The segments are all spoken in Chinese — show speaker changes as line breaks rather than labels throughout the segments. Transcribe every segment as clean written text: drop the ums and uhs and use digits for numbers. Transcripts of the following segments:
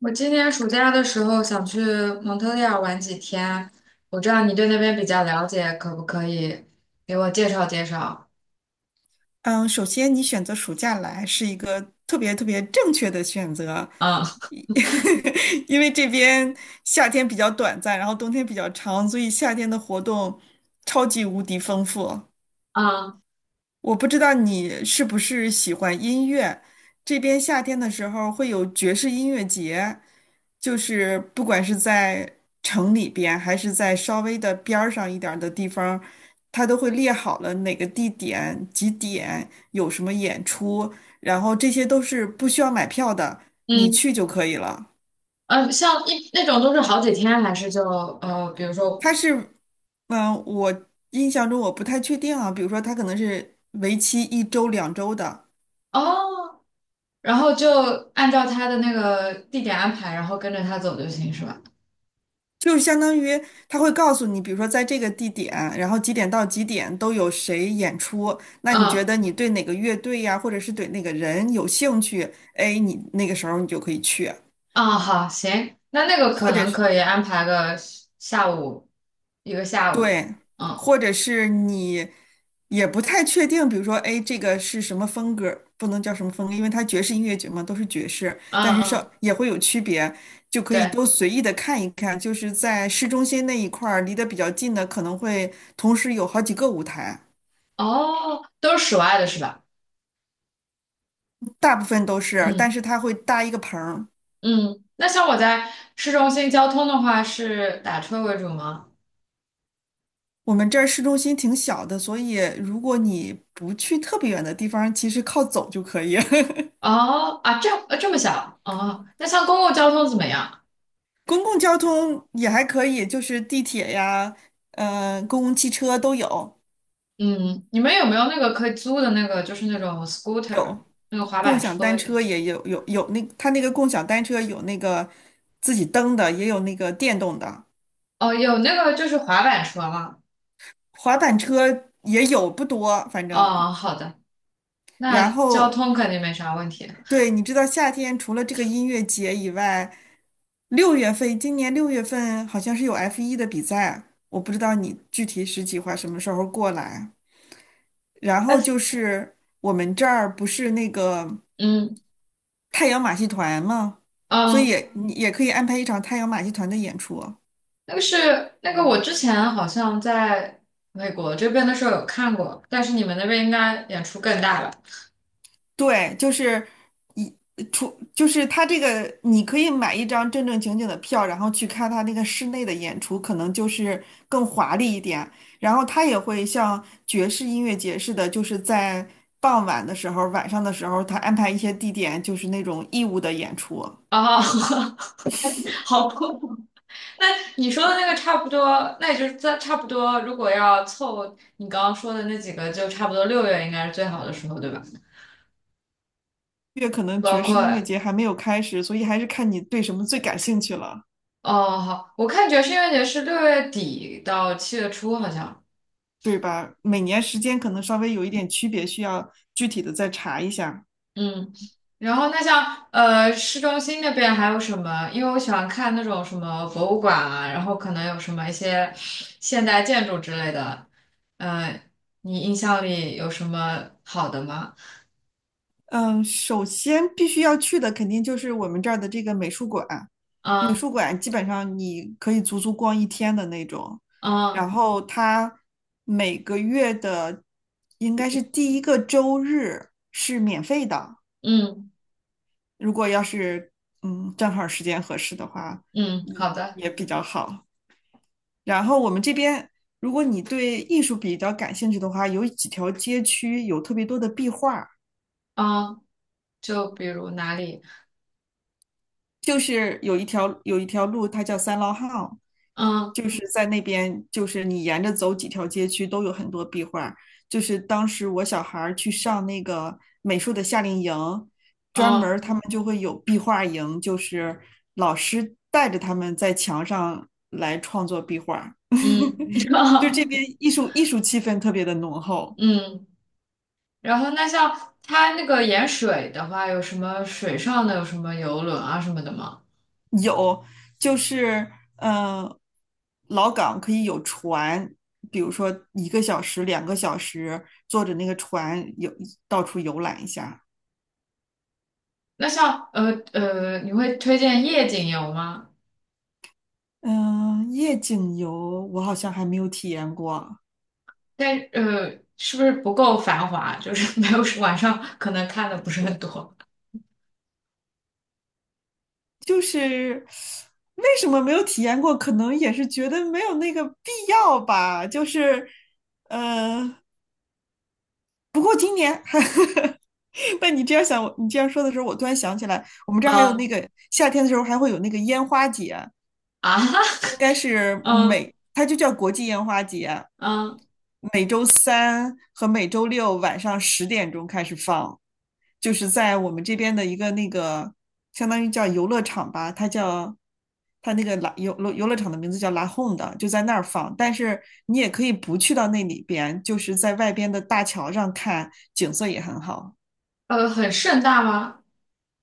我今年暑假的时候想去蒙特利尔玩几天，我知道你对那边比较了解，可不可以给我介绍介绍？
嗯，首先你选择暑假来是一个特别特别正确的选择，
嗯。
一 因为这边夏天比较短暂，然后冬天比较长，所以夏天的活动超级无敌丰富。
嗯
我不知道你是不是喜欢音乐，这边夏天的时候会有爵士音乐节，就是不管是在城里边，还是在稍微的边儿上一点儿的地方，它都会列好了哪个地点、几点有什么演出，然后这些都是不需要买票的，你
嗯。
去就可以了。
像一那种都是好几天，还是就比如说。
它是，嗯，我印象中我不太确定啊，比如说它可能是为期1周、2周的。
哦，然后就按照他的那个地点安排，然后跟着他走就行，是吧？
就是相当于他会告诉你，比如说在这个地点，然后几点到几点都有谁演出。那你觉
嗯。
得你对哪个乐队呀，或者是对哪个人有兴趣？哎，你那个时候你就可以去，
嗯，好，行，那个可
或者
能
是。
可以安排个下午，一个下午。
对，
嗯
或者是你也不太确定，比如说，哎，这个是什么风格，不能叫什么风格，因为它爵士音乐节嘛，都是爵士，
嗯
但是稍
嗯。
也会有区别，就可以
对。
都随意的看一看。就是在市中心那一块儿，离得比较近的，可能会同时有好几个舞台，
哦，都是室外的是吧？
大部分都是，但
嗯
是它会搭一个棚儿。
嗯。那像我在市中心交通的话，是打车为主吗？
我们这儿市中心挺小的，所以如果你不去特别远的地方，其实靠走就可以。
哦啊，这样这么小哦，那像公共交通怎么样？
公共交通也还可以，就是地铁呀，公共汽车都有，
嗯。你们有没有那个可以租的那个，就是那种 scooter
有
那个滑
共
板
享
车？
单车也有，有那它那个共享单车有那个自己蹬的，也有那个电动的，
哦，有那个就是滑板车吗？
滑板车也有，不多，反正。
哦，好的，那
然
交
后，
通肯定没啥问题。
对，你知道夏天除了这个音乐节以外，六月份，今年六月份好像是有 F1的比赛，我不知道你具体是计划什么时候过来。然
哎。
后就是我们这儿不是那个
嗯
太阳马戏团嘛，所以
嗯。
也你也可以安排一场太阳马戏团的演出。
那个我之前好像在美国这边的时候有看过，但是你们那边应该演出更大吧？
对，就是一出就是他这个，你可以买一张正正经经的票，然后去看他那个室内的演出，可能就是更华丽一点。然后他也会像爵士音乐节似的，就是在傍晚的时候、晚上的时候，他安排一些地点，就是那种义务的演出。
哦。好恐那你说的那个差不多，那也就是在差不多，如果要凑你刚刚说的那几个，就差不多六月应该是最好的时候，对吧？
因为可能
包
爵
括
士音乐节还没有开始，所以还是看你对什么最感兴趣了。
哦，好，我看爵士音乐节是6月底到7月初，好像。
对吧？每年时间可能稍微有一点区别，需要具体的再查一下。
嗯。然后那像市中心那边还有什么？因为我喜欢看那种什么博物馆啊，然后可能有什么一些现代建筑之类的。呃，你印象里有什么好的吗？
嗯，首先必须要去的肯定就是我们这儿的这个美术馆，美
嗯
术馆基本上你可以足足逛一天的那种。然
嗯
后它每个月的应该是第一个周日是免费的，
嗯。
如果要是正好时间合适的话，
嗯，
也
好的。
也比较好。然后我们这边，如果你对艺术比较感兴趣的话，有几条街区有特别多的壁画，
嗯，就比如哪里。
就是有一条路，它叫三老巷，
嗯
就是在那边，就是你沿着走几条街区都有很多壁画。就是当时我小孩儿去上那个美术的夏令营，专门
嗯
儿他们就会有壁画营，就是老师带着他们在墙上来创作壁画，
嗯。
就这边 艺术气氛特别的浓厚。
嗯。然后那像它那个盐水的话，有什么水上的，有什么游轮啊什么的吗？
有，就是呃，老港可以有船，比如说1个小时、2个小时，坐着那个船游到处游览一下。
那像你会推荐夜景游吗？
嗯、夜景游我好像还没有体验过，
但是不是不够繁华？就是没有晚上可能看的不是很多。
就是为什么没有体验过？可能也是觉得没有那个必要吧。就是，但你这样想，你这样说的时候，我突然想起来，我们这儿还有那
嗯
个夏天的时候还会有那个烟花节。
啊。
应该 是
嗯
每，它就叫国际烟花节，
嗯
每周三和每周六晚上10点钟开始放，就是在我们这边的一个那个相当于叫游乐场吧，它叫它那个拉游乐场的名字叫拉 home 的，就在那儿放。但是你也可以不去到那里边，就是在外边的大桥上看，景色也很好。
很盛大吗？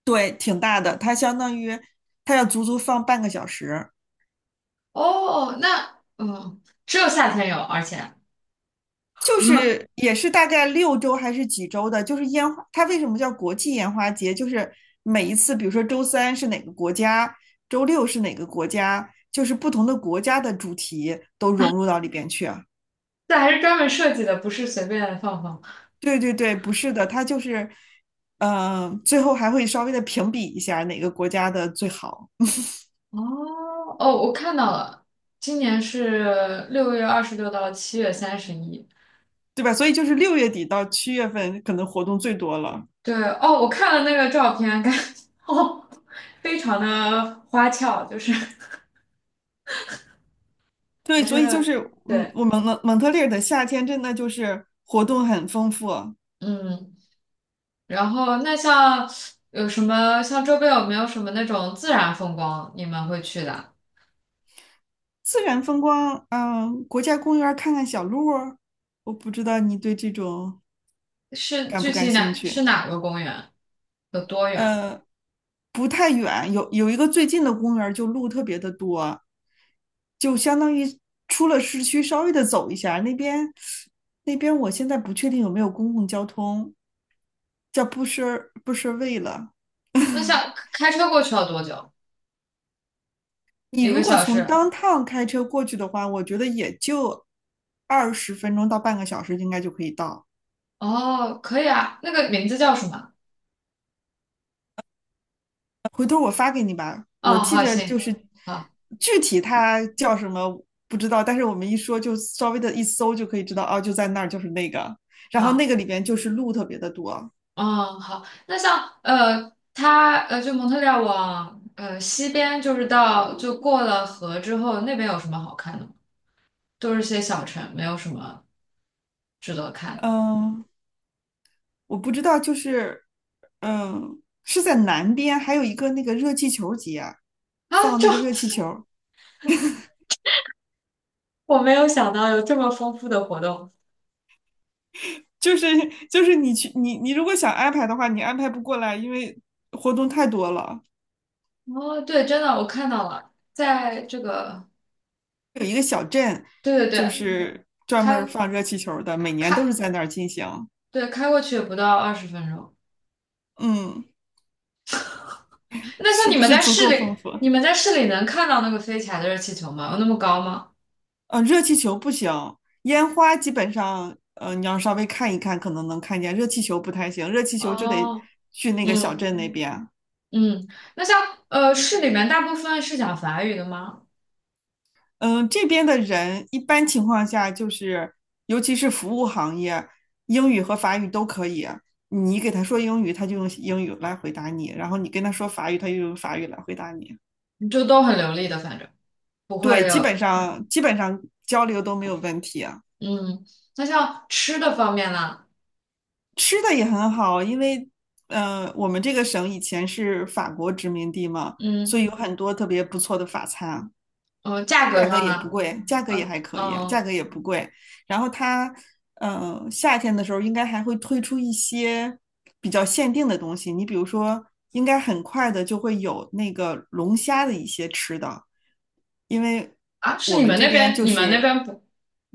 对，挺大的，它相当于它要足足放半个小时。
哦，那嗯，只有夏天有，而且。
就是也是大概6周还是几周的，就是烟花，它为什么叫国际烟花节？就是每一次，比如说周三是哪个国家，周六是哪个国家，就是不同的国家的主题都融入到里边去啊。
这还是专门设计的，不是随便放放。
对对对，不是的，它就是，最后还会稍微的评比一下哪个国家的最好，
哦哦，我看到了，今年是6月26到7月31。
对吧？所以就是6月底到7月份可能活动最多了。
对哦，我看了那个照片，感觉。 哦，非常的花俏，就是
对，
还是
所以就
很
是，嗯，
对。
我们蒙特利尔的夏天真的就是活动很丰富。
嗯。然后那像有什么像周边有没有什么那种自然风光你们会去的？
自然风光，国家公园儿看看小鹿儿我不知道你对这种
是
感
具
不感
体
兴
哪是
趣。
哪个公园？有多远？
呃，不太远，有一个最近的公园儿就路特别的多，就相当于出了市区稍微的走一下，那边我现在不确定有没有公共交通，叫布什卫了。
那像开车过去要多久？
你
一
如
个
果
小
从
时？
当趟开车过去的话，我觉得也就20分钟到半个小时应该就可以到。
哦，可以啊，那个名字叫什么？
回头我发给你吧。
哦，
我记
好，
着就
行，
是
好，
具体它叫什么不知道，但是我们一说就稍微的一搜就可以知道，哦，就在那儿，就是那个。然后那
好，
个里边就是路特别的多。
哦，好。那像它就蒙特利尔往西边，就是到就过了河之后，那边有什么好看的吗？都是些小城，没有什么值得看
嗯，我不知道，就是是在南边，还有一个那个热气球节啊，
啊。
放那个热气 球。
我没有想到有这么丰富的活动。
就是你去你如果想安排的话，你安排不过来，因为活动太多了。
哦，对，真的，我看到了，在这个，
有一个小镇，
对对
就
对，
是专门
开
儿放热气球的，每年
开，
都是在那儿进行。
对，开过去也不到20分钟。
嗯，
那像
是
你
不
们
是
在
足
市
够
里，
丰富？
你们在市里能看到那个飞起来的热气球吗？有那么高吗？
热气球不行，烟花基本上，你要稍微看一看，可能能看见。热气球不太行，热气球就得
哦。
去那个小
嗯
镇那边。
嗯。那像市里面大部分是讲法语的吗？
嗯，这边的人一般情况下就是，尤其是服务行业，英语和法语都可以。你给他说英语，他就用英语来回答你；然后你跟他说法语，他就用法语来回答你。
就都很流利的，反正不
对，
会
基本
有。
上基本上交流都没有问题啊。
嗯。那像吃的方面呢？
吃的也很好，因为我们这个省以前是法国殖民地嘛，所
嗯
以有很多特别不错的法餐，
嗯、价格
价格
上
也不
呢？
贵，价格也
嗯、
还可以，价
嗯、
格也不贵。然后它夏天的时候应该还会推出一些比较限定的东西，你比如说，应该很快的就会有那个龙虾的一些吃的，因为
啊，是
我
你
们
们
这
那
边
边，
就
你们那
是
边不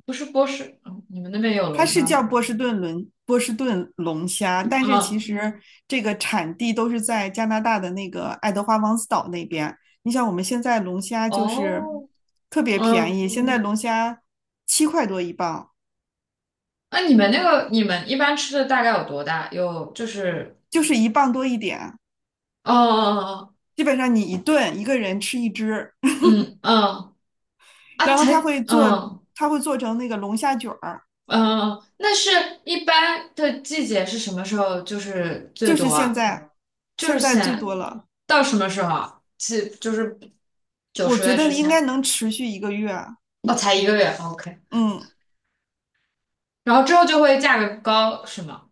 不是波士，嗯，你们那边也有
它
龙
是
虾
叫
吗？
波士顿龙虾，但是其
嗯。
实这个产地都是在加拿大的那个爱德华王子岛那边。你想，我们现在龙虾就是
哦。
特别便
嗯，
宜，现在龙虾7块多1磅，
那你们一般吃的大概有多大？有就是。
就是1磅多一点，
哦，哦哦哦。
基本上你一顿一个人吃一只，
嗯嗯 啊，
然后它
才
会做，
嗯
它会做成那个龙虾卷儿，
嗯，一般的季节是什么时候？就是最
就是
多
现
啊，
在
就是
现在最多了，
到什么时候啊？几就是九
我
十
觉
月之
得应该
前，
能持续1个月啊，
那才一个月，OK。
嗯。
然后之后就会价格高，是吗？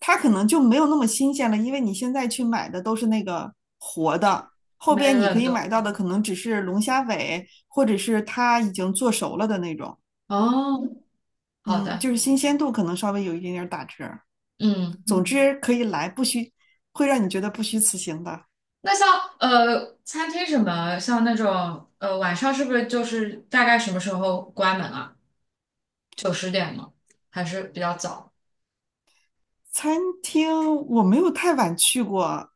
它可能就没有那么新鲜了，因为你现在去买的都是那个活的，后
没
边你可
冷
以
冻。
买到的可能只是龙虾尾，或者是它已经做熟了的那种。
哦，好
嗯，
的。
就是新鲜度可能稍微有一点点打折。
嗯。
总之可以来，不虚，会让你觉得不虚此行的。
那像餐厅什么，像那种晚上是不是就是大概什么时候关门啊？9、10点吗？还是比较早？
餐厅我没有太晚去过，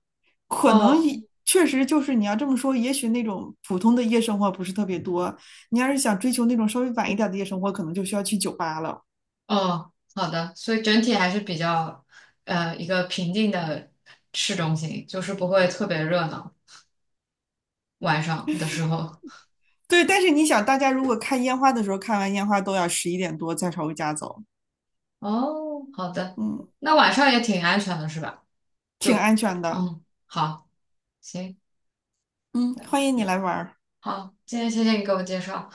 可能
哦
也确实就是你要这么说，也许那种普通的夜生活不是特别多。你要是想追求那种稍微晚一点的夜生活，可能就需要去酒吧了。
哦，好的，所以整体还是比较一个平静的市中心，就是不会特别热闹，晚上的时候。
对，但是你想，大家如果看烟花的时候，看完烟花都要11点多再朝回家走，
哦，好的，
嗯，
那晚上也挺安全的是吧？
挺
就
安全的，
嗯，好，行，
嗯，欢迎你来玩
好，今天谢谢你给我介绍。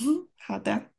嗯，好的。